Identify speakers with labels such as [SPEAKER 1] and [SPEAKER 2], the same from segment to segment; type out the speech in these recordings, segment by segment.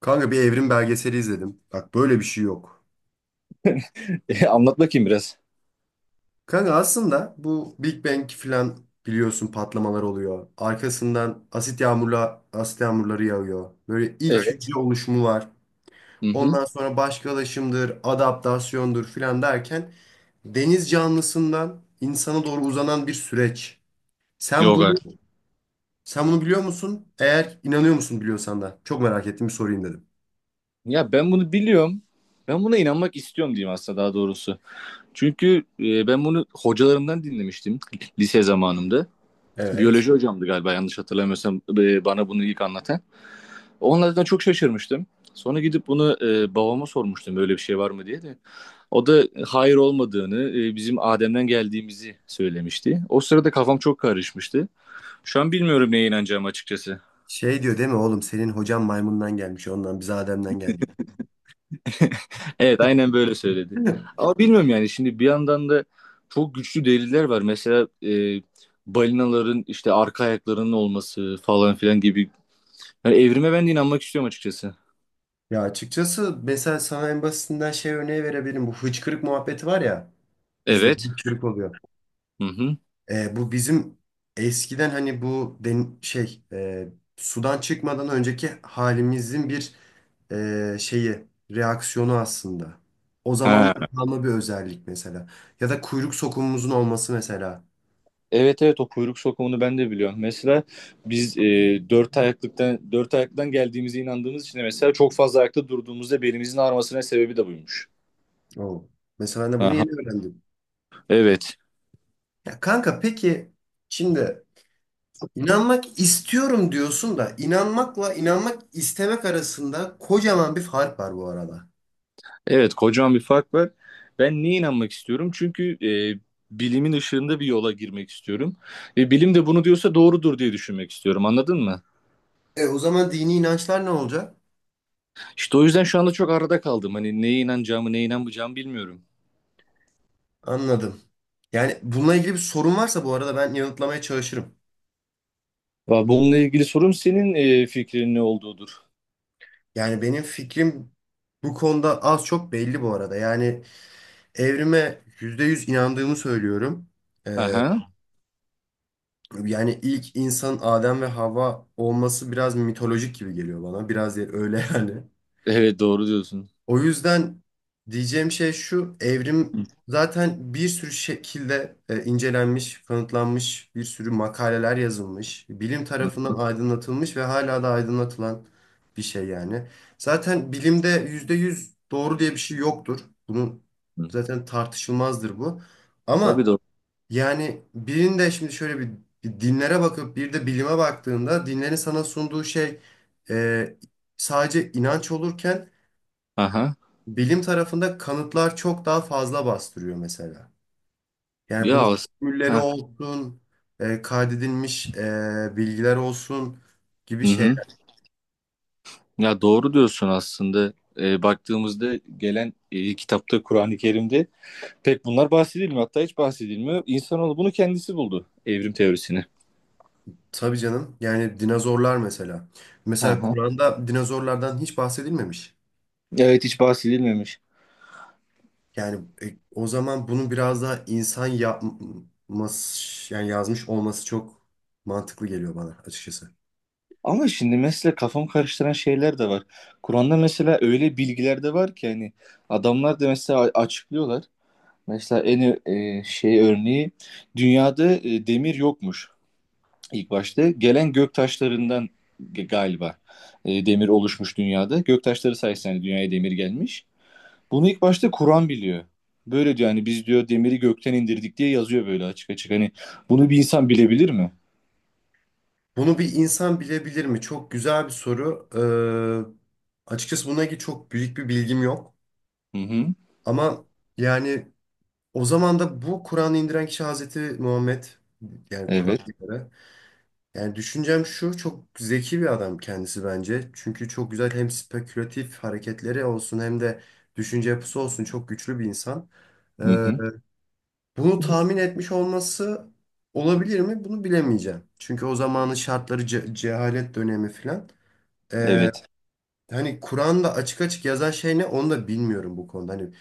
[SPEAKER 1] Kanka bir evrim belgeseli izledim. Bak böyle bir şey yok.
[SPEAKER 2] Anlat bakayım biraz.
[SPEAKER 1] Kanka aslında bu Big Bang falan biliyorsun patlamalar oluyor. Arkasından asit yağmurları yağıyor. Böyle ilk
[SPEAKER 2] Evet.
[SPEAKER 1] hücre oluşumu var.
[SPEAKER 2] Hı hı.
[SPEAKER 1] Ondan sonra başkalaşımdır, adaptasyondur filan derken deniz canlısından insana doğru uzanan bir süreç. Sen
[SPEAKER 2] Yoga.
[SPEAKER 1] bunu Sen bunu biliyor musun? Eğer inanıyor musun biliyorsan da. Çok merak ettim bir sorayım dedim.
[SPEAKER 2] Ya ben bunu biliyorum. Ben buna inanmak istiyorum diyeyim aslında daha doğrusu. Çünkü ben bunu hocalarımdan dinlemiştim lise zamanımda.
[SPEAKER 1] Evet.
[SPEAKER 2] Biyoloji hocamdı galiba yanlış hatırlamıyorsam bana bunu ilk anlatan. Onlardan çok şaşırmıştım. Sonra gidip bunu babama sormuştum böyle bir şey var mı diye de. O da hayır olmadığını, bizim Adem'den geldiğimizi söylemişti. O sırada kafam çok karışmıştı. Şu an bilmiyorum neye inanacağım açıkçası.
[SPEAKER 1] Şey diyor değil mi oğlum, senin hocan maymundan gelmiş, ondan biz Adem'den geldik.
[SPEAKER 2] Evet, aynen böyle söyledi. Ama bilmiyorum, yani şimdi bir yandan da çok güçlü deliller var. Mesela balinaların işte arka ayaklarının olması falan filan gibi. Yani evrime ben de inanmak istiyorum açıkçası.
[SPEAKER 1] Ya açıkçası mesela sana en basitinden şey örneği verebilirim. Bu hıçkırık muhabbeti var ya, bizde
[SPEAKER 2] Evet.
[SPEAKER 1] hıçkırık oluyor.
[SPEAKER 2] Hı hı.
[SPEAKER 1] Bu bizim eskiden hani bu den şey sudan çıkmadan önceki halimizin bir şeyi, reaksiyonu aslında. O zaman
[SPEAKER 2] Ha.
[SPEAKER 1] kalma bir özellik mesela. Ya da kuyruk sokumumuzun olması mesela.
[SPEAKER 2] Evet, evet, o kuyruk sokumunu ben de biliyorum. Mesela biz dört ayaklıdan geldiğimize inandığımız için de mesela çok fazla ayakta durduğumuzda belimizin ağrımasına sebebi de buymuş.
[SPEAKER 1] O. Mesela ben de bunu
[SPEAKER 2] Aha.
[SPEAKER 1] yeni öğrendim.
[SPEAKER 2] Evet.
[SPEAKER 1] Ya kanka, peki şimdi, İnanmak istiyorum diyorsun da inanmakla inanmak istemek arasında kocaman bir fark var bu arada.
[SPEAKER 2] Evet, kocaman bir fark var. Ben neye inanmak istiyorum? Çünkü bilimin ışığında bir yola girmek istiyorum. Ve bilim de bunu diyorsa doğrudur diye düşünmek istiyorum. Anladın mı?
[SPEAKER 1] E o zaman dini inançlar ne olacak?
[SPEAKER 2] İşte o yüzden şu anda çok arada kaldım. Hani neye inanacağımı, neye inanmayacağımı bilmiyorum.
[SPEAKER 1] Anladım. Yani bununla ilgili bir sorun varsa bu arada ben yanıtlamaya çalışırım.
[SPEAKER 2] Bununla ilgili sorum senin fikrin ne olduğudur.
[SPEAKER 1] Yani benim fikrim bu konuda az çok belli bu arada. Yani evrime %100 inandığımı söylüyorum. E,
[SPEAKER 2] Aha.
[SPEAKER 1] Yani ilk insan Adem ve Havva olması biraz mitolojik gibi geliyor bana. Biraz öyle yani.
[SPEAKER 2] Evet, doğru diyorsun.
[SPEAKER 1] O yüzden diyeceğim şey şu, evrim
[SPEAKER 2] Hı.
[SPEAKER 1] zaten bir sürü şekilde incelenmiş, kanıtlanmış, bir sürü makaleler yazılmış, bilim
[SPEAKER 2] Hı hı.
[SPEAKER 1] tarafından aydınlatılmış ve hala da aydınlatılan bir şey yani. Zaten bilimde %100 doğru diye bir şey yoktur. Bunun
[SPEAKER 2] Hı.
[SPEAKER 1] zaten tartışılmazdır bu.
[SPEAKER 2] Tabii,
[SPEAKER 1] Ama
[SPEAKER 2] doğru.
[SPEAKER 1] yani birinde şimdi şöyle bir dinlere bakıp bir de bilime baktığında, dinlerin sana sunduğu şey e, sadece inanç olurken
[SPEAKER 2] Aha.
[SPEAKER 1] bilim tarafında kanıtlar çok daha fazla bastırıyor mesela. Yani
[SPEAKER 2] Ya
[SPEAKER 1] bunun
[SPEAKER 2] as-
[SPEAKER 1] formülleri
[SPEAKER 2] ha.
[SPEAKER 1] olsun, kaydedilmiş bilgiler olsun gibi
[SPEAKER 2] Hı hı.
[SPEAKER 1] şeyler.
[SPEAKER 2] Ya doğru diyorsun aslında. Baktığımızda gelen kitapta, Kur'an-ı Kerim'de pek bunlar bahsedilmiyor. Hatta hiç bahsedilmiyor. İnsanoğlu bunu kendisi buldu. Evrim teorisini.
[SPEAKER 1] Tabii canım. Yani dinozorlar mesela.
[SPEAKER 2] Hı
[SPEAKER 1] Mesela
[SPEAKER 2] hı.
[SPEAKER 1] Kur'an'da dinozorlardan hiç bahsedilmemiş.
[SPEAKER 2] Evet, hiç bahsedilmemiş.
[SPEAKER 1] Yani o zaman bunu biraz daha insan yapması, yani yazmış olması çok mantıklı geliyor bana açıkçası.
[SPEAKER 2] Ama şimdi mesela kafam karıştıran şeyler de var. Kur'an'da mesela öyle bilgiler de var ki hani adamlar da mesela açıklıyorlar. Mesela en şey örneği, dünyada demir yokmuş ilk başta. Gelen gök taşlarından galiba demir oluşmuş dünyada. Gök taşları sayesinde hani dünyaya demir gelmiş. Bunu ilk başta Kur'an biliyor. Böyle diyor, hani biz diyor demiri gökten indirdik diye yazıyor böyle açık açık. Hani bunu bir insan bilebilir mi?
[SPEAKER 1] Bunu bir insan bilebilir mi? Çok güzel bir soru. Açıkçası buna ilgili çok büyük bir bilgim yok.
[SPEAKER 2] Hı hı.
[SPEAKER 1] Ama yani o zaman da bu Kur'an'ı indiren kişi Hazreti Muhammed, yani
[SPEAKER 2] Evet.
[SPEAKER 1] Kur'an'a göre. Yani düşüncem şu, çok zeki bir adam kendisi bence. Çünkü çok güzel hem spekülatif hareketleri olsun hem de düşünce yapısı olsun, çok güçlü bir insan.
[SPEAKER 2] Hı
[SPEAKER 1] Ee,
[SPEAKER 2] hı.
[SPEAKER 1] Bunu tahmin etmiş olması olabilir mi? Bunu bilemeyeceğim. Çünkü o zamanın şartları cehalet dönemi filan. Ee,
[SPEAKER 2] Evet.
[SPEAKER 1] Hani Kur'an'da açık açık yazan şey ne onu da bilmiyorum bu konuda. Hani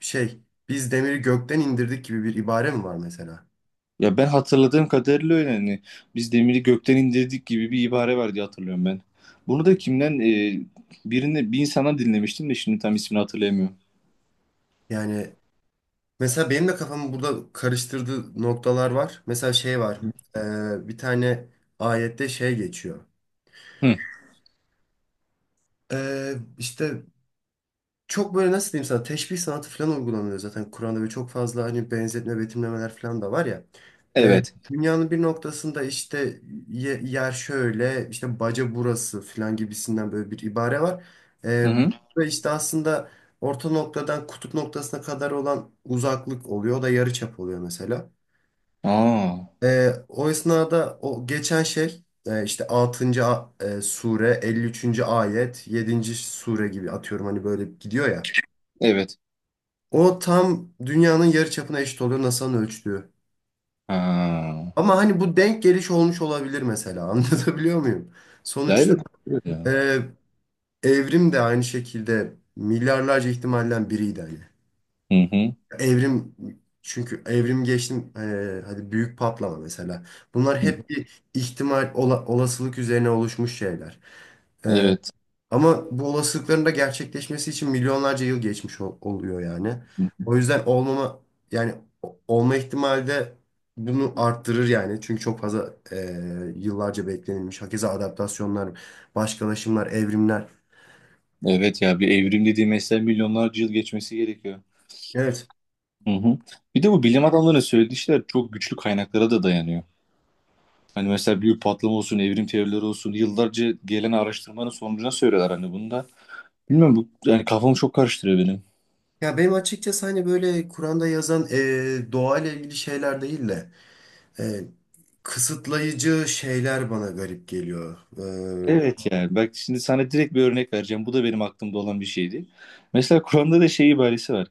[SPEAKER 1] şey, biz demiri gökten indirdik gibi bir ibare mi var mesela?
[SPEAKER 2] Ya ben hatırladığım kadarıyla öyle, hani biz demiri gökten indirdik gibi bir ibare var diye hatırlıyorum ben. Bunu da kimden, bir insandan dinlemiştim de şimdi tam ismini hatırlayamıyorum.
[SPEAKER 1] Yani mesela benim de kafamı burada karıştırdığı noktalar var. Mesela şey var.
[SPEAKER 2] Hı.
[SPEAKER 1] Bir tane ayette şey geçiyor.
[SPEAKER 2] Hı.
[SPEAKER 1] İşte çok böyle, nasıl diyeyim sana, teşbih sanatı falan uygulanıyor zaten Kur'an'da ve çok fazla hani benzetme, betimlemeler falan da var ya. Ee,
[SPEAKER 2] Evet.
[SPEAKER 1] Dünyanın bir noktasında işte yer şöyle işte baca burası falan gibisinden böyle bir ibare var.
[SPEAKER 2] Hı
[SPEAKER 1] Ee,
[SPEAKER 2] hı.
[SPEAKER 1] Burada işte aslında orta noktadan kutup noktasına kadar olan uzaklık oluyor. O da yarıçap oluyor mesela.
[SPEAKER 2] Aa.
[SPEAKER 1] O esnada o geçen şey işte altıncı sure, 53. ayet, yedinci sure gibi atıyorum, hani böyle gidiyor ya.
[SPEAKER 2] Evet.
[SPEAKER 1] O tam dünyanın yarıçapına eşit oluyor, NASA'nın ölçtüğü.
[SPEAKER 2] Ha.
[SPEAKER 1] Ama hani bu denk geliş olmuş olabilir mesela. Anlatabiliyor muyum?
[SPEAKER 2] Ya
[SPEAKER 1] Sonuçta
[SPEAKER 2] evet. Evet ya.
[SPEAKER 1] e, evrim de aynı şekilde milyarlarca ihtimalden biriydi hani.
[SPEAKER 2] Hı hı.
[SPEAKER 1] Evrim Çünkü evrim geçtim, hadi büyük patlama mesela. Bunlar
[SPEAKER 2] Hı hı.
[SPEAKER 1] hep bir ihtimal, olasılık üzerine oluşmuş şeyler. E,
[SPEAKER 2] Evet.
[SPEAKER 1] Ama bu olasılıkların da gerçekleşmesi için milyonlarca yıl geçmiş oluyor yani. O yüzden yani olma ihtimali de bunu arttırır yani. Çünkü çok fazla yıllarca beklenilmiş. Hakeza adaptasyonlar, başkalaşımlar, evrimler.
[SPEAKER 2] Evet ya, bir evrim dediği mesela milyonlarca yıl geçmesi gerekiyor.
[SPEAKER 1] Evet.
[SPEAKER 2] Hı hı. Bir de bu bilim adamlarının söylediği şeyler çok güçlü kaynaklara da dayanıyor. Hani mesela büyük patlama olsun, evrim teorileri olsun, yıllarca gelen araştırmanın sonucuna söylüyorlar hani bunu da. Bilmiyorum, bu yani kafamı çok karıştırıyor benim.
[SPEAKER 1] Ya benim açıkçası hani böyle Kur'an'da yazan doğayla ilgili şeyler değil de e, kısıtlayıcı şeyler bana garip geliyor. E,
[SPEAKER 2] Evet yani bak, şimdi sana direkt bir örnek vereceğim. Bu da benim aklımda olan bir şeydi. Mesela Kur'an'da da şey ibaresi var.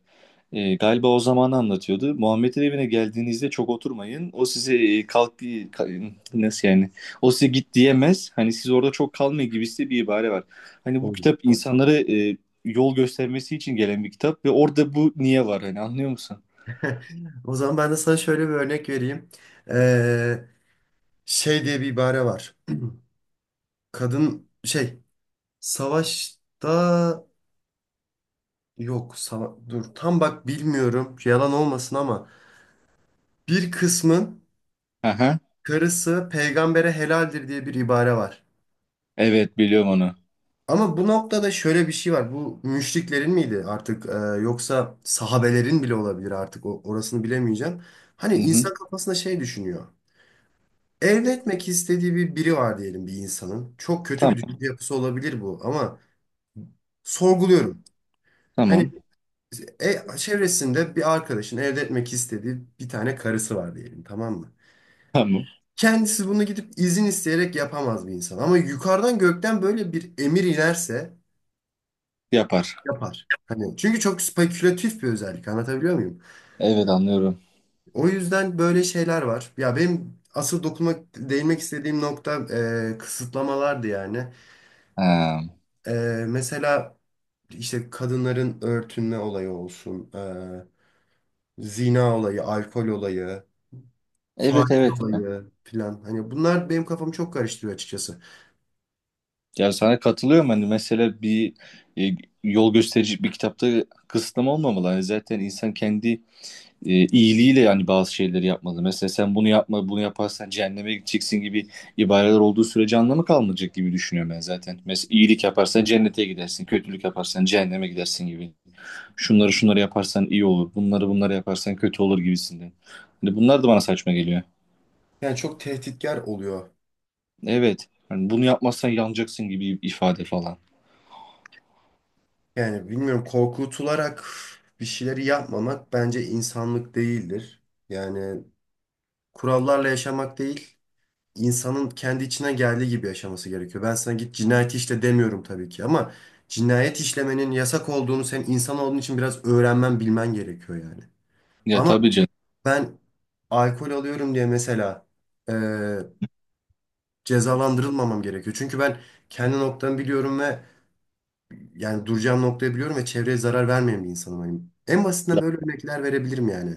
[SPEAKER 2] Galiba o zamanı anlatıyordu. Muhammed'in evine geldiğinizde çok oturmayın. O size nasıl yani? O size git diyemez. Hani siz orada çok kalmayın gibisi bir ibare var. Hani bu
[SPEAKER 1] O
[SPEAKER 2] kitap insanlara yol göstermesi için gelen bir kitap ve orada bu niye var, hani anlıyor musun?
[SPEAKER 1] o zaman ben de sana şöyle bir örnek vereyim. Şey diye bir ibare var. Kadın şey, savaşta, yok dur tam bak, bilmiyorum, yalan olmasın ama bir kısmın
[SPEAKER 2] Aha.
[SPEAKER 1] karısı peygambere helaldir diye bir ibare var.
[SPEAKER 2] Evet, biliyorum onu.
[SPEAKER 1] Ama bu noktada şöyle bir şey var. Bu müşriklerin miydi artık, yoksa sahabelerin bile olabilir artık, orasını bilemeyeceğim. Hani
[SPEAKER 2] Hı hı.
[SPEAKER 1] insan kafasında şey düşünüyor. Elde etmek istediği bir biri var diyelim bir insanın. Çok kötü bir düşünce
[SPEAKER 2] Tamam
[SPEAKER 1] yapısı olabilir bu ama sorguluyorum. Hani
[SPEAKER 2] tamam
[SPEAKER 1] Çevresinde bir arkadaşın elde etmek istediği bir tane karısı var diyelim, tamam mı?
[SPEAKER 2] tamam
[SPEAKER 1] Kendisi bunu gidip izin isteyerek yapamaz bir insan. Ama yukarıdan, gökten böyle bir emir inerse
[SPEAKER 2] yapar.
[SPEAKER 1] yapar. Hani çünkü çok spekülatif bir özellik, anlatabiliyor muyum?
[SPEAKER 2] Evet, anlıyorum.
[SPEAKER 1] O yüzden böyle şeyler var. Ya benim asıl dokunmak, değinmek istediğim nokta kısıtlamalardı yani.
[SPEAKER 2] Ha.
[SPEAKER 1] Mesela işte kadınların örtünme olayı olsun, zina olayı, alkol olayı.
[SPEAKER 2] Evet,
[SPEAKER 1] Faiz
[SPEAKER 2] evet.
[SPEAKER 1] olayı filan. Hani bunlar benim kafamı çok karıştırıyor açıkçası.
[SPEAKER 2] Ya sana katılıyorum, hani mesela bir e, yol gösterici bir kitapta kısıtlama olmamalı. Hani zaten insan kendi iyiliğiyle yani bazı şeyleri yapmalı. Mesela sen bunu yapma, bunu yaparsan cehenneme gideceksin gibi ibareler olduğu sürece anlamı kalmayacak gibi düşünüyorum ben zaten. Mesela iyilik yaparsan cennete gidersin, kötülük yaparsan cehenneme gidersin gibi. Şunları şunları yaparsan iyi olur, bunları bunları yaparsan kötü olur gibisinden. Hani bunlar da bana saçma geliyor.
[SPEAKER 1] Yani çok tehditkar oluyor.
[SPEAKER 2] Evet. Hani bunu yapmazsan yanacaksın gibi ifade falan.
[SPEAKER 1] Yani bilmiyorum, korkutularak bir şeyleri yapmamak bence insanlık değildir. Yani kurallarla yaşamak değil, insanın kendi içine geldiği gibi yaşaması gerekiyor. Ben sana git cinayet işle demiyorum tabii ki ama cinayet işlemenin yasak olduğunu sen insan olduğun için biraz öğrenmen, bilmen gerekiyor yani.
[SPEAKER 2] Ya
[SPEAKER 1] Ama
[SPEAKER 2] tabii canım.
[SPEAKER 1] ben alkol alıyorum diye mesela cezalandırılmamam gerekiyor. Çünkü ben kendi noktamı biliyorum ve yani duracağım noktayı biliyorum ve çevreye zarar vermeyen bir insanım. Hani en basitinden
[SPEAKER 2] Ya,
[SPEAKER 1] böyle örnekler verebilirim yani.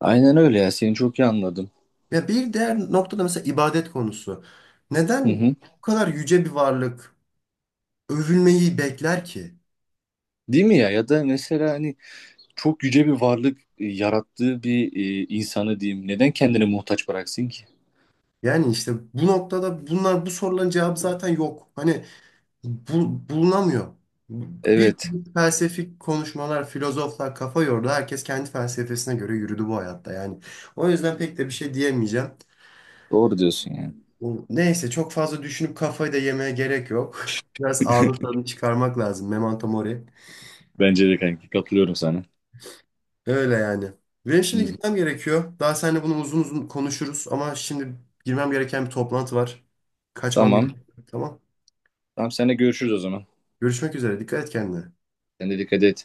[SPEAKER 2] aynen öyle ya. Seni çok iyi anladım.
[SPEAKER 1] Ya bir diğer noktada mesela ibadet konusu.
[SPEAKER 2] Hı
[SPEAKER 1] Neden
[SPEAKER 2] hı.
[SPEAKER 1] bu kadar yüce bir varlık övülmeyi bekler ki?
[SPEAKER 2] Değil mi ya? Ya da mesela hani çok yüce bir varlık yarattığı bir insanı diyeyim. Neden kendini muhtaç bıraksın ki?
[SPEAKER 1] Yani işte bu noktada bunlar, bu soruların cevabı zaten yok. Hani bulunamıyor. Bir
[SPEAKER 2] Evet.
[SPEAKER 1] sürü felsefik konuşmalar, filozoflar kafa yordu. Herkes kendi felsefesine göre yürüdü bu hayatta. Yani o yüzden pek de bir şey diyemeyeceğim.
[SPEAKER 2] Doğru diyorsun yani.
[SPEAKER 1] Neyse, çok fazla düşünüp kafayı da yemeye gerek yok. Biraz anı tadını çıkarmak lazım. Memento mori.
[SPEAKER 2] Bence de kanki. Katılıyorum sana.
[SPEAKER 1] Öyle yani. Benim
[SPEAKER 2] Hı
[SPEAKER 1] şimdi
[SPEAKER 2] hı.
[SPEAKER 1] gitmem gerekiyor. Daha seninle bunu uzun uzun konuşuruz ama şimdi girmem gereken bir toplantı var. Kaçmam
[SPEAKER 2] Tamam.
[SPEAKER 1] gerekiyor. Tamam.
[SPEAKER 2] Tamam, seninle görüşürüz o zaman.
[SPEAKER 1] Görüşmek üzere. Dikkat et kendine.
[SPEAKER 2] Sen de dikkat et.